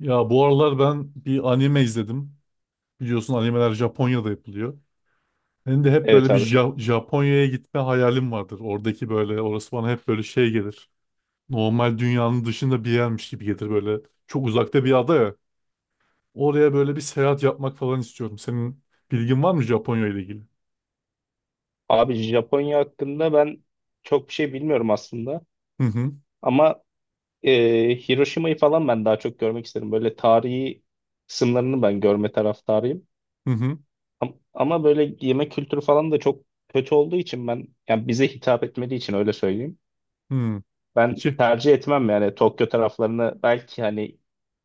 Ya bu aralar ben bir anime izledim. Biliyorsun animeler Japonya'da yapılıyor. Benim de hep Evet böyle bir abi. Japonya'ya gitme hayalim vardır. Oradaki böyle orası bana hep böyle şey gelir. Normal dünyanın dışında bir yermiş gibi gelir böyle. Çok uzakta bir ada ya. Oraya böyle bir seyahat yapmak falan istiyorum. Senin bilgin var mı Japonya ile ilgili? Abi Japonya hakkında ben çok bir şey bilmiyorum aslında. Hı hı. Ama Hiroşima'yı falan ben daha çok görmek isterim. Böyle tarihi kısımlarını ben görme taraftarıyım. Hı hı. Ama böyle yemek kültürü falan da çok kötü olduğu için ben yani bize hitap etmediği için öyle söyleyeyim. Hı. Ben İki. tercih etmem yani Tokyo taraflarını belki hani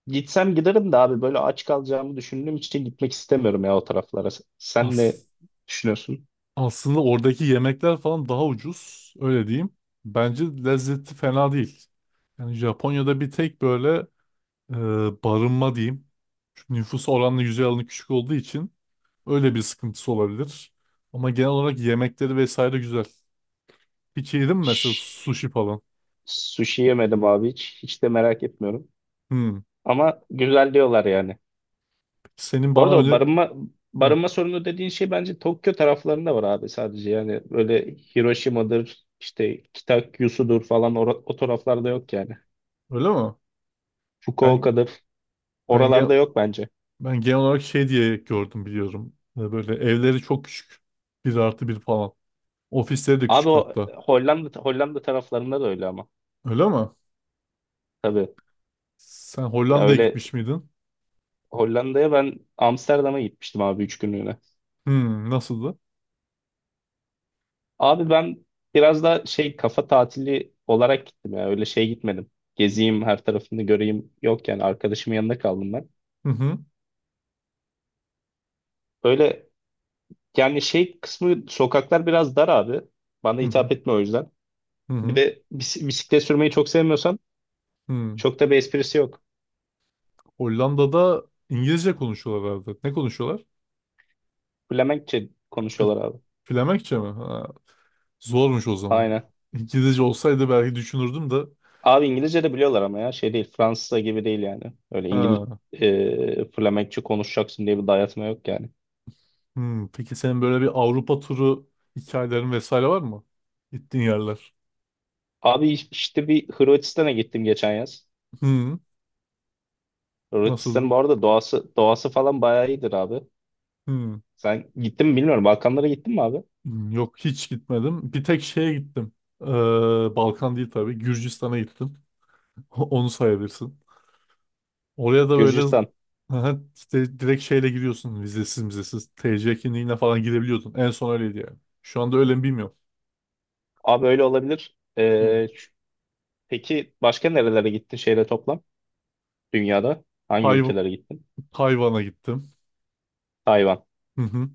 gitsem giderim de abi böyle aç kalacağımı düşündüğüm için gitmek istemiyorum ya o taraflara. Sen ne As düşünüyorsun? aslında oradaki yemekler falan daha ucuz. Öyle diyeyim. Bence lezzeti fena değil. Yani Japonya'da bir tek böyle e, barınma diyeyim. Çünkü nüfus oranla yüzey alanı küçük olduğu için öyle bir sıkıntısı olabilir. Ama genel olarak yemekleri vesaire güzel. Hiç yedin mi mesela sushi falan? Sushi yemedim abi hiç. Hiç de merak etmiyorum. Hmm. Ama güzel diyorlar yani. Peki senin Bu bana arada o öyle... barınma Ha, barınma sorunu dediğin şey bence Tokyo taraflarında var abi sadece. Yani böyle Hiroşima'dır, işte Kitakyusu'dur falan o taraflarda yok yani. öyle mi? Ben, Fukuoka'dır. ben, gen- Oralarda yok bence. Ben genel olarak şey diye gördüm biliyorum. Böyle evleri çok küçük. Bir artı bir falan. Ofisleri de Abi küçük o hatta. Hollanda Hollanda taraflarında da öyle ama. Öyle mi? Tabii. Sen Ya Hollanda'ya öyle gitmiş miydin? Hollanda'ya ben Amsterdam'a gitmiştim abi 3 günlüğüne. Hmm, nasıldı? Abi ben biraz da şey kafa tatili olarak gittim ya. Öyle şey gitmedim. Gezeyim her tarafını göreyim. Yok yani arkadaşımın yanında kaldım ben. Hı hı. Öyle yani şey kısmı sokaklar biraz dar abi. Bana Hı hı. hitap etme o yüzden. Hı Bir hı. de bisiklet sürmeyi çok sevmiyorsan Hı. çok da bir esprisi yok. Hollanda'da İngilizce konuşuyorlar herhalde. Ne konuşuyorlar? Flemenkçe Fl- konuşuyorlar abi. Flemenkçe mi? Ha, zormuş o zaman. Aynen. İngilizce olsaydı belki düşünürdüm de. Abi İngilizce de biliyorlar ama ya şey değil. Fransızca gibi değil yani. Öyle Ha, Flemenkçe konuşacaksın diye bir dayatma yok yani. hmm. Peki senin böyle bir Avrupa turu hikayelerin vesaire var mı? Gittiğin yerler. Abi işte bir Hırvatistan'a gittim geçen yaz. Hmm. Nasıldı? Hırvatistan'ın bu arada doğası doğası falan bayağı iyidir abi. Hmm. Sen gittin mi bilmiyorum. Balkanlara gittin mi abi? Hmm, yok hiç gitmedim. Bir tek şeye gittim. Ee, Balkan değil tabii. Gürcistan'a gittim. Onu sayabilirsin. Oraya da böyle Gürcistan. aha, işte direkt şeyle giriyorsun vizesiz vizesiz. TC kimliğine falan girebiliyordun. En son öyleydi yani. Şu anda öyle mi bilmiyorum. Abi öyle olabilir. Hı. Peki başka nerelere gittin şeyle toplam? Dünyada hangi Tay- ülkelere gittin? Tayvan'a gittim. Tayvan. Hı hı.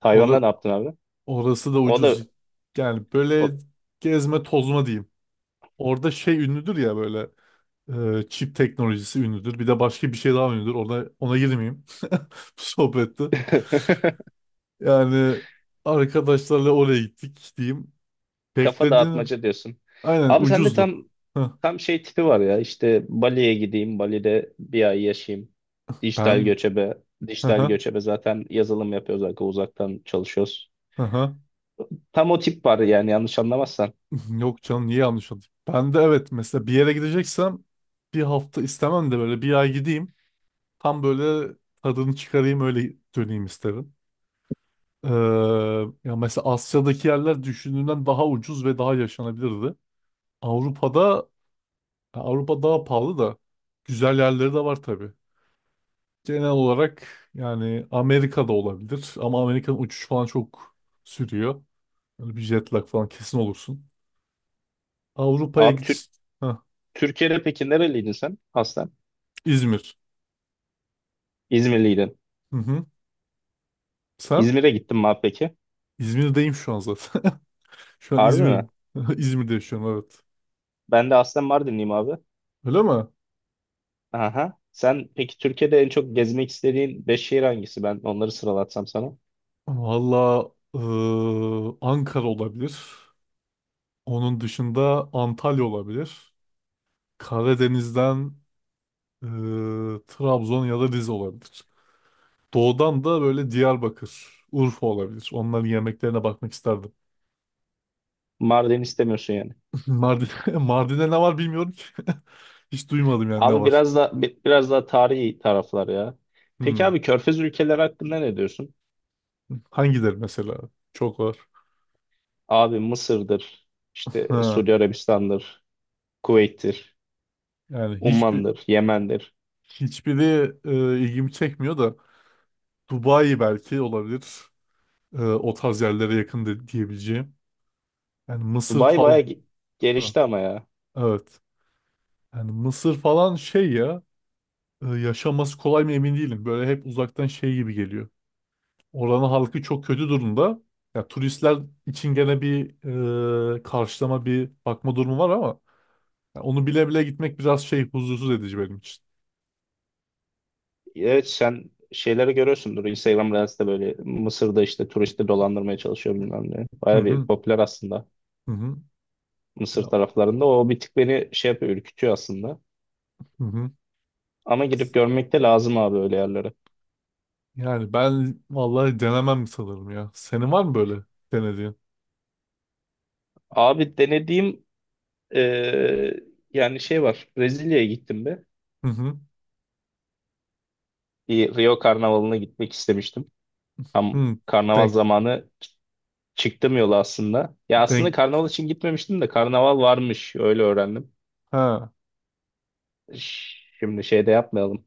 Tayvan'da Ora- ne yaptın abi? Orası da O da ucuz. Yani o... böyle gezme tozma diyeyim. Orada şey ünlüdür ya böyle çip teknolojisi ünlüdür. Bir de başka bir şey daha ünlüdür. Ona girmeyeyim. Bu sohbette. Yani arkadaşlarla oraya gittik diyeyim. kafa Beklediğini dağıtmaca diyorsun. aynen Abi sende ucuzdu. tam Heh, tam şey tipi var ya. İşte Bali'ye gideyim, Bali'de bir ay yaşayayım. Dijital ben göçebe, hı dijital hı, göçebe zaten yazılım yapıyoruz, arka uzaktan çalışıyoruz. hı hı. Tam o tip var yani yanlış anlamazsan. Yok canım niye yanlış oldu? Ben de evet mesela bir yere gideceksem bir hafta istemem de böyle bir ay gideyim. Tam böyle tadını çıkarayım öyle döneyim isterim. Ee, Ya mesela Asya'daki yerler düşündüğümden daha ucuz ve daha yaşanabilirdi. Avrupa'da Avrupa daha pahalı da güzel yerleri de var tabii. Genel olarak yani Amerika'da olabilir ama Amerika'nın uçuş falan çok sürüyor. Böyle bir jet lag falan kesin olursun. Avrupa'ya Abi git. Türkiye'de peki nereliydin sen? Aslen. İzmir. İzmirliydin. Hı hı. Sen? İzmir'e gittin mi abi peki? İzmir'deyim şu an zaten. Şu an Harbi mi? İzmir'im. İzmir'de yaşıyorum evet. Ben de aslen Mardinliyim abi. Öyle mi? Aha. Sen peki Türkiye'de en çok gezmek istediğin 5 şehir hangisi? Ben onları sıralatsam sana. Valla Ankara olabilir. Onun dışında Antalya olabilir. Karadeniz'den eee, Trabzon ya da Rize olabilir. Doğudan da böyle Diyarbakır, Urfa olabilir. Onların yemeklerine bakmak isterdim. Mardin istemiyorsun yani. Mardin, Mardin'de ne var bilmiyorum ki. Hiç duymadım yani ne Abi var. biraz da biraz daha tarihi taraflar ya. Peki Hmm. abi Körfez ülkeleri hakkında ne diyorsun? Hangileri mesela? Çok var. Abi Mısır'dır, işte Ha. Suudi Arabistan'dır, Kuveyt'tir, Yani hiçbir Umman'dır, Yemen'dir. Hiçbiri ilgimi çekmiyor da Dubai belki olabilir. E, o tarz yerlere yakın, diyebileceğim. Yani Mısır Dubai bayağı falan. Ha, gelişti ama ya. evet. Yani Mısır falan şey ya yaşaması kolay mı emin değilim. Böyle hep uzaktan şey gibi geliyor. Oranın halkı çok kötü durumda. Ya turistler için gene bir karşılama bir bakma durumu var ama ya onu bile bile gitmek biraz şey huzursuz edici benim için. Evet sen şeyleri görüyorsundur. Instagram Reels'te böyle Mısır'da işte turisti dolandırmaya çalışıyor bilmem ne. Hı Baya bir hı. popüler aslında Hı hı. Mısır Ya, taraflarında. O bir tık beni şey yapıyor, ürkütüyor aslında. hı hı. Ama gidip görmek de lazım abi öyle yerlere. Yani ben vallahi denemem sanırım ya. Senin var mı böyle denediğin? Abi denediğim eee, yani şey var. Brezilya'ya gittim be. Hı hı. Bir Rio Karnavalı'na gitmek istemiştim. Tam Hı. karnaval Denk, zamanı çıktım yola aslında. Ya aslında denk. karnaval için gitmemiştim de karnaval varmış öyle öğrendim. Ha. Şimdi şey de yapmayalım.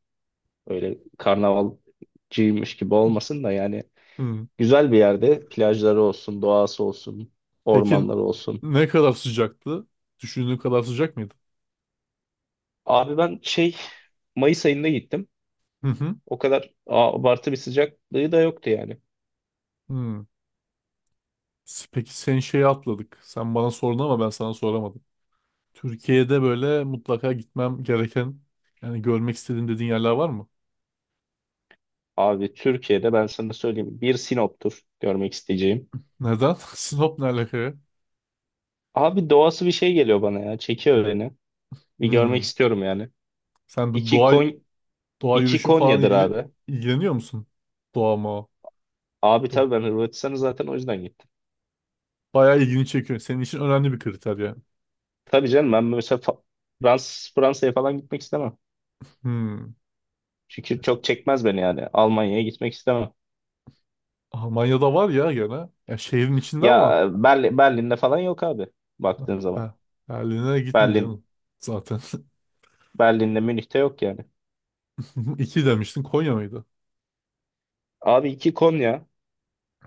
Öyle karnavalcıymış gibi olmasın da yani Hı. güzel bir yerde plajları olsun, doğası olsun, Peki ormanları olsun. ne kadar sıcaktı? Düşündüğün kadar sıcak mıydı? Abi ben şey Mayıs ayında gittim. Hı hı. O kadar abartı bir sıcaklığı da yoktu yani. Hı. Peki sen şeyi atladık. Sen bana sordun ama ben sana soramadım. Türkiye'de böyle mutlaka gitmem gereken yani görmek istediğin dediğin yerler var mı? Abi Türkiye'de ben sana söyleyeyim bir Sinop'tur görmek isteyeceğim. Neden? Sinop ne alaka ya? Abi doğası bir şey geliyor bana ya. Çekiyor beni. Bir görmek Hı. istiyorum yani. Sen bu İki doğa Kon doğa iki yürüyüşü falan Konya'dır ilgili abi. ilgileniyor musun? Doğa mı? Abi tabii ben Hırvatistan'ı zaten o yüzden gittim. Bayağı ilgini çekiyor. Senin için önemli bir kriter ya. Tabii canım ben mesela Fransa'ya falan gitmek istemem. Hmm. Çünkü çok çekmez beni yani. Almanya'ya gitmek istemem. Almanya'da var ya gene. Ya şehrin içinde ama Ya Berlin, Berlin'de falan yok abi baktığın zaman. Be- Berlin'e gitme Berlin canım. Zaten. Berlin'de Münih'te yok yani. İki demiştin Konya mıydı? Abi iki Konya.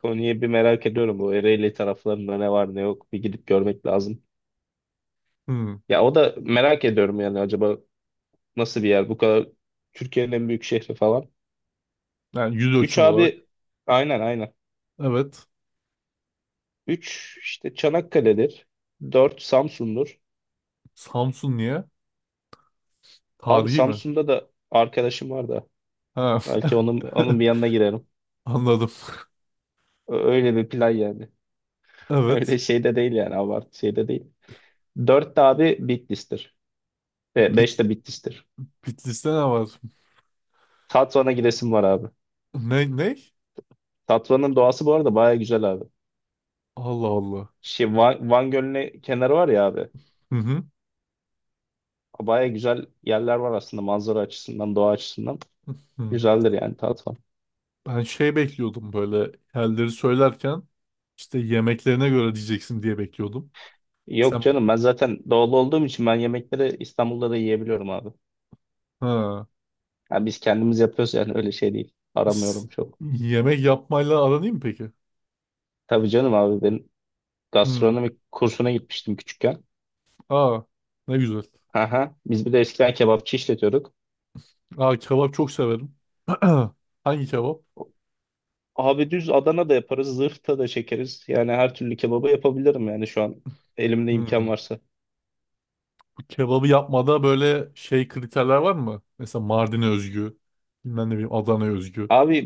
Konya'yı bir merak ediyorum. Bu Ereğli taraflarında ne var ne yok bir gidip görmek lazım. Hmm. Ya o da merak ediyorum yani acaba nasıl bir yer bu kadar Türkiye'nin en büyük şehri falan. Yani yüz Üç ölçüm olarak. abi aynen aynen. Evet. Üç işte Çanakkale'dir. Dört Samsun'dur. Samsun niye? Abi Tarihi mi? Samsun'da da arkadaşım var da. Ha. Belki onun bir yanına girerim. Anladım. Öyle bir plan yani. Öyle Evet. şey de değil yani abartı şey de değil. Dört de abi Bitlis'tir. Ve Bit beş de Bitlis'tir. Bitlis'te ne var? Tatvan'a gidesim var abi. Ne? Ne? Tatvan'ın doğası bu arada baya güzel abi. Allah Allah. Şey, Van Gölü'nün kenarı var ya abi. Hı hı. Baya güzel yerler var aslında manzara açısından, doğa açısından. Hı. Güzeldir yani Tatvan. Ben şey bekliyordum böyle yerleri söylerken işte yemeklerine göre diyeceksin diye bekliyordum. Yok Sen canım ben zaten doğulu olduğum için ben yemekleri İstanbul'da da yiyebiliyorum abi. ha. Yani biz kendimiz yapıyoruz yani öyle şey değil. S- Aramıyorum çok. Yemek yapmayla aran iyi mi peki? Tabii canım abi ben Hmm. gastronomi kursuna gitmiştim küçükken. Aa, ne güzel. Aha, biz bir de eskiden kebapçı işletiyorduk. Aa, kebap çok severim. Hangi kebap? Abi düz Adana da yaparız, zırhta da çekeriz. Yani her türlü kebabı yapabilirim yani şu an elimde imkan Hmm. varsa. Bu kebabı yapmada böyle şey kriterler var mı? Mesela Mardin'e özgü, bilmem ne bileyim Adana'ya özgü. Abi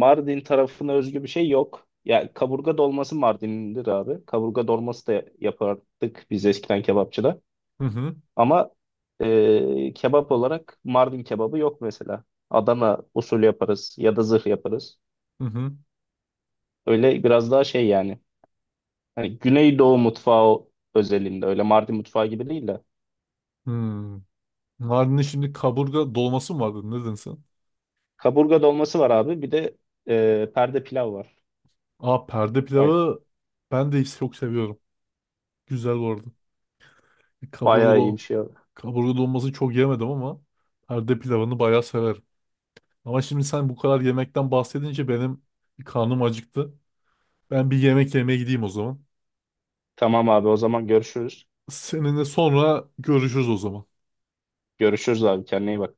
Mardin tarafına özgü bir şey yok. Ya kaburga dolması Mardin'dir abi. Kaburga dolması da yapardık biz eskiden kebapçıda. Hı hı, Ama kebap olarak Mardin kebabı yok mesela. Adana usulü yaparız ya da zırh yaparız. hı hı. Öyle biraz daha şey yani. Hani Güneydoğu mutfağı özelinde öyle Mardin mutfağı gibi değil de. Hmm. Mardin'in şimdi kaburga dolması mı vardı? Ne dedin sen? Kaburga dolması var abi bir de perde pilav var. Aa, perde Ay, pilavı ben de çok seviyorum. Güzel bu arada. E, Kaburga, bayağı iyi bir do şey abi. Kaburga dolmasını çok yemedim ama perde pilavını bayağı severim. Ama şimdi sen bu kadar yemekten bahsedince benim bir karnım acıktı. Ben bir yemek yemeye gideyim o zaman. Tamam abi o zaman görüşürüz. Seninle sonra görüşürüz o zaman. Görüşürüz abi kendine iyi bak.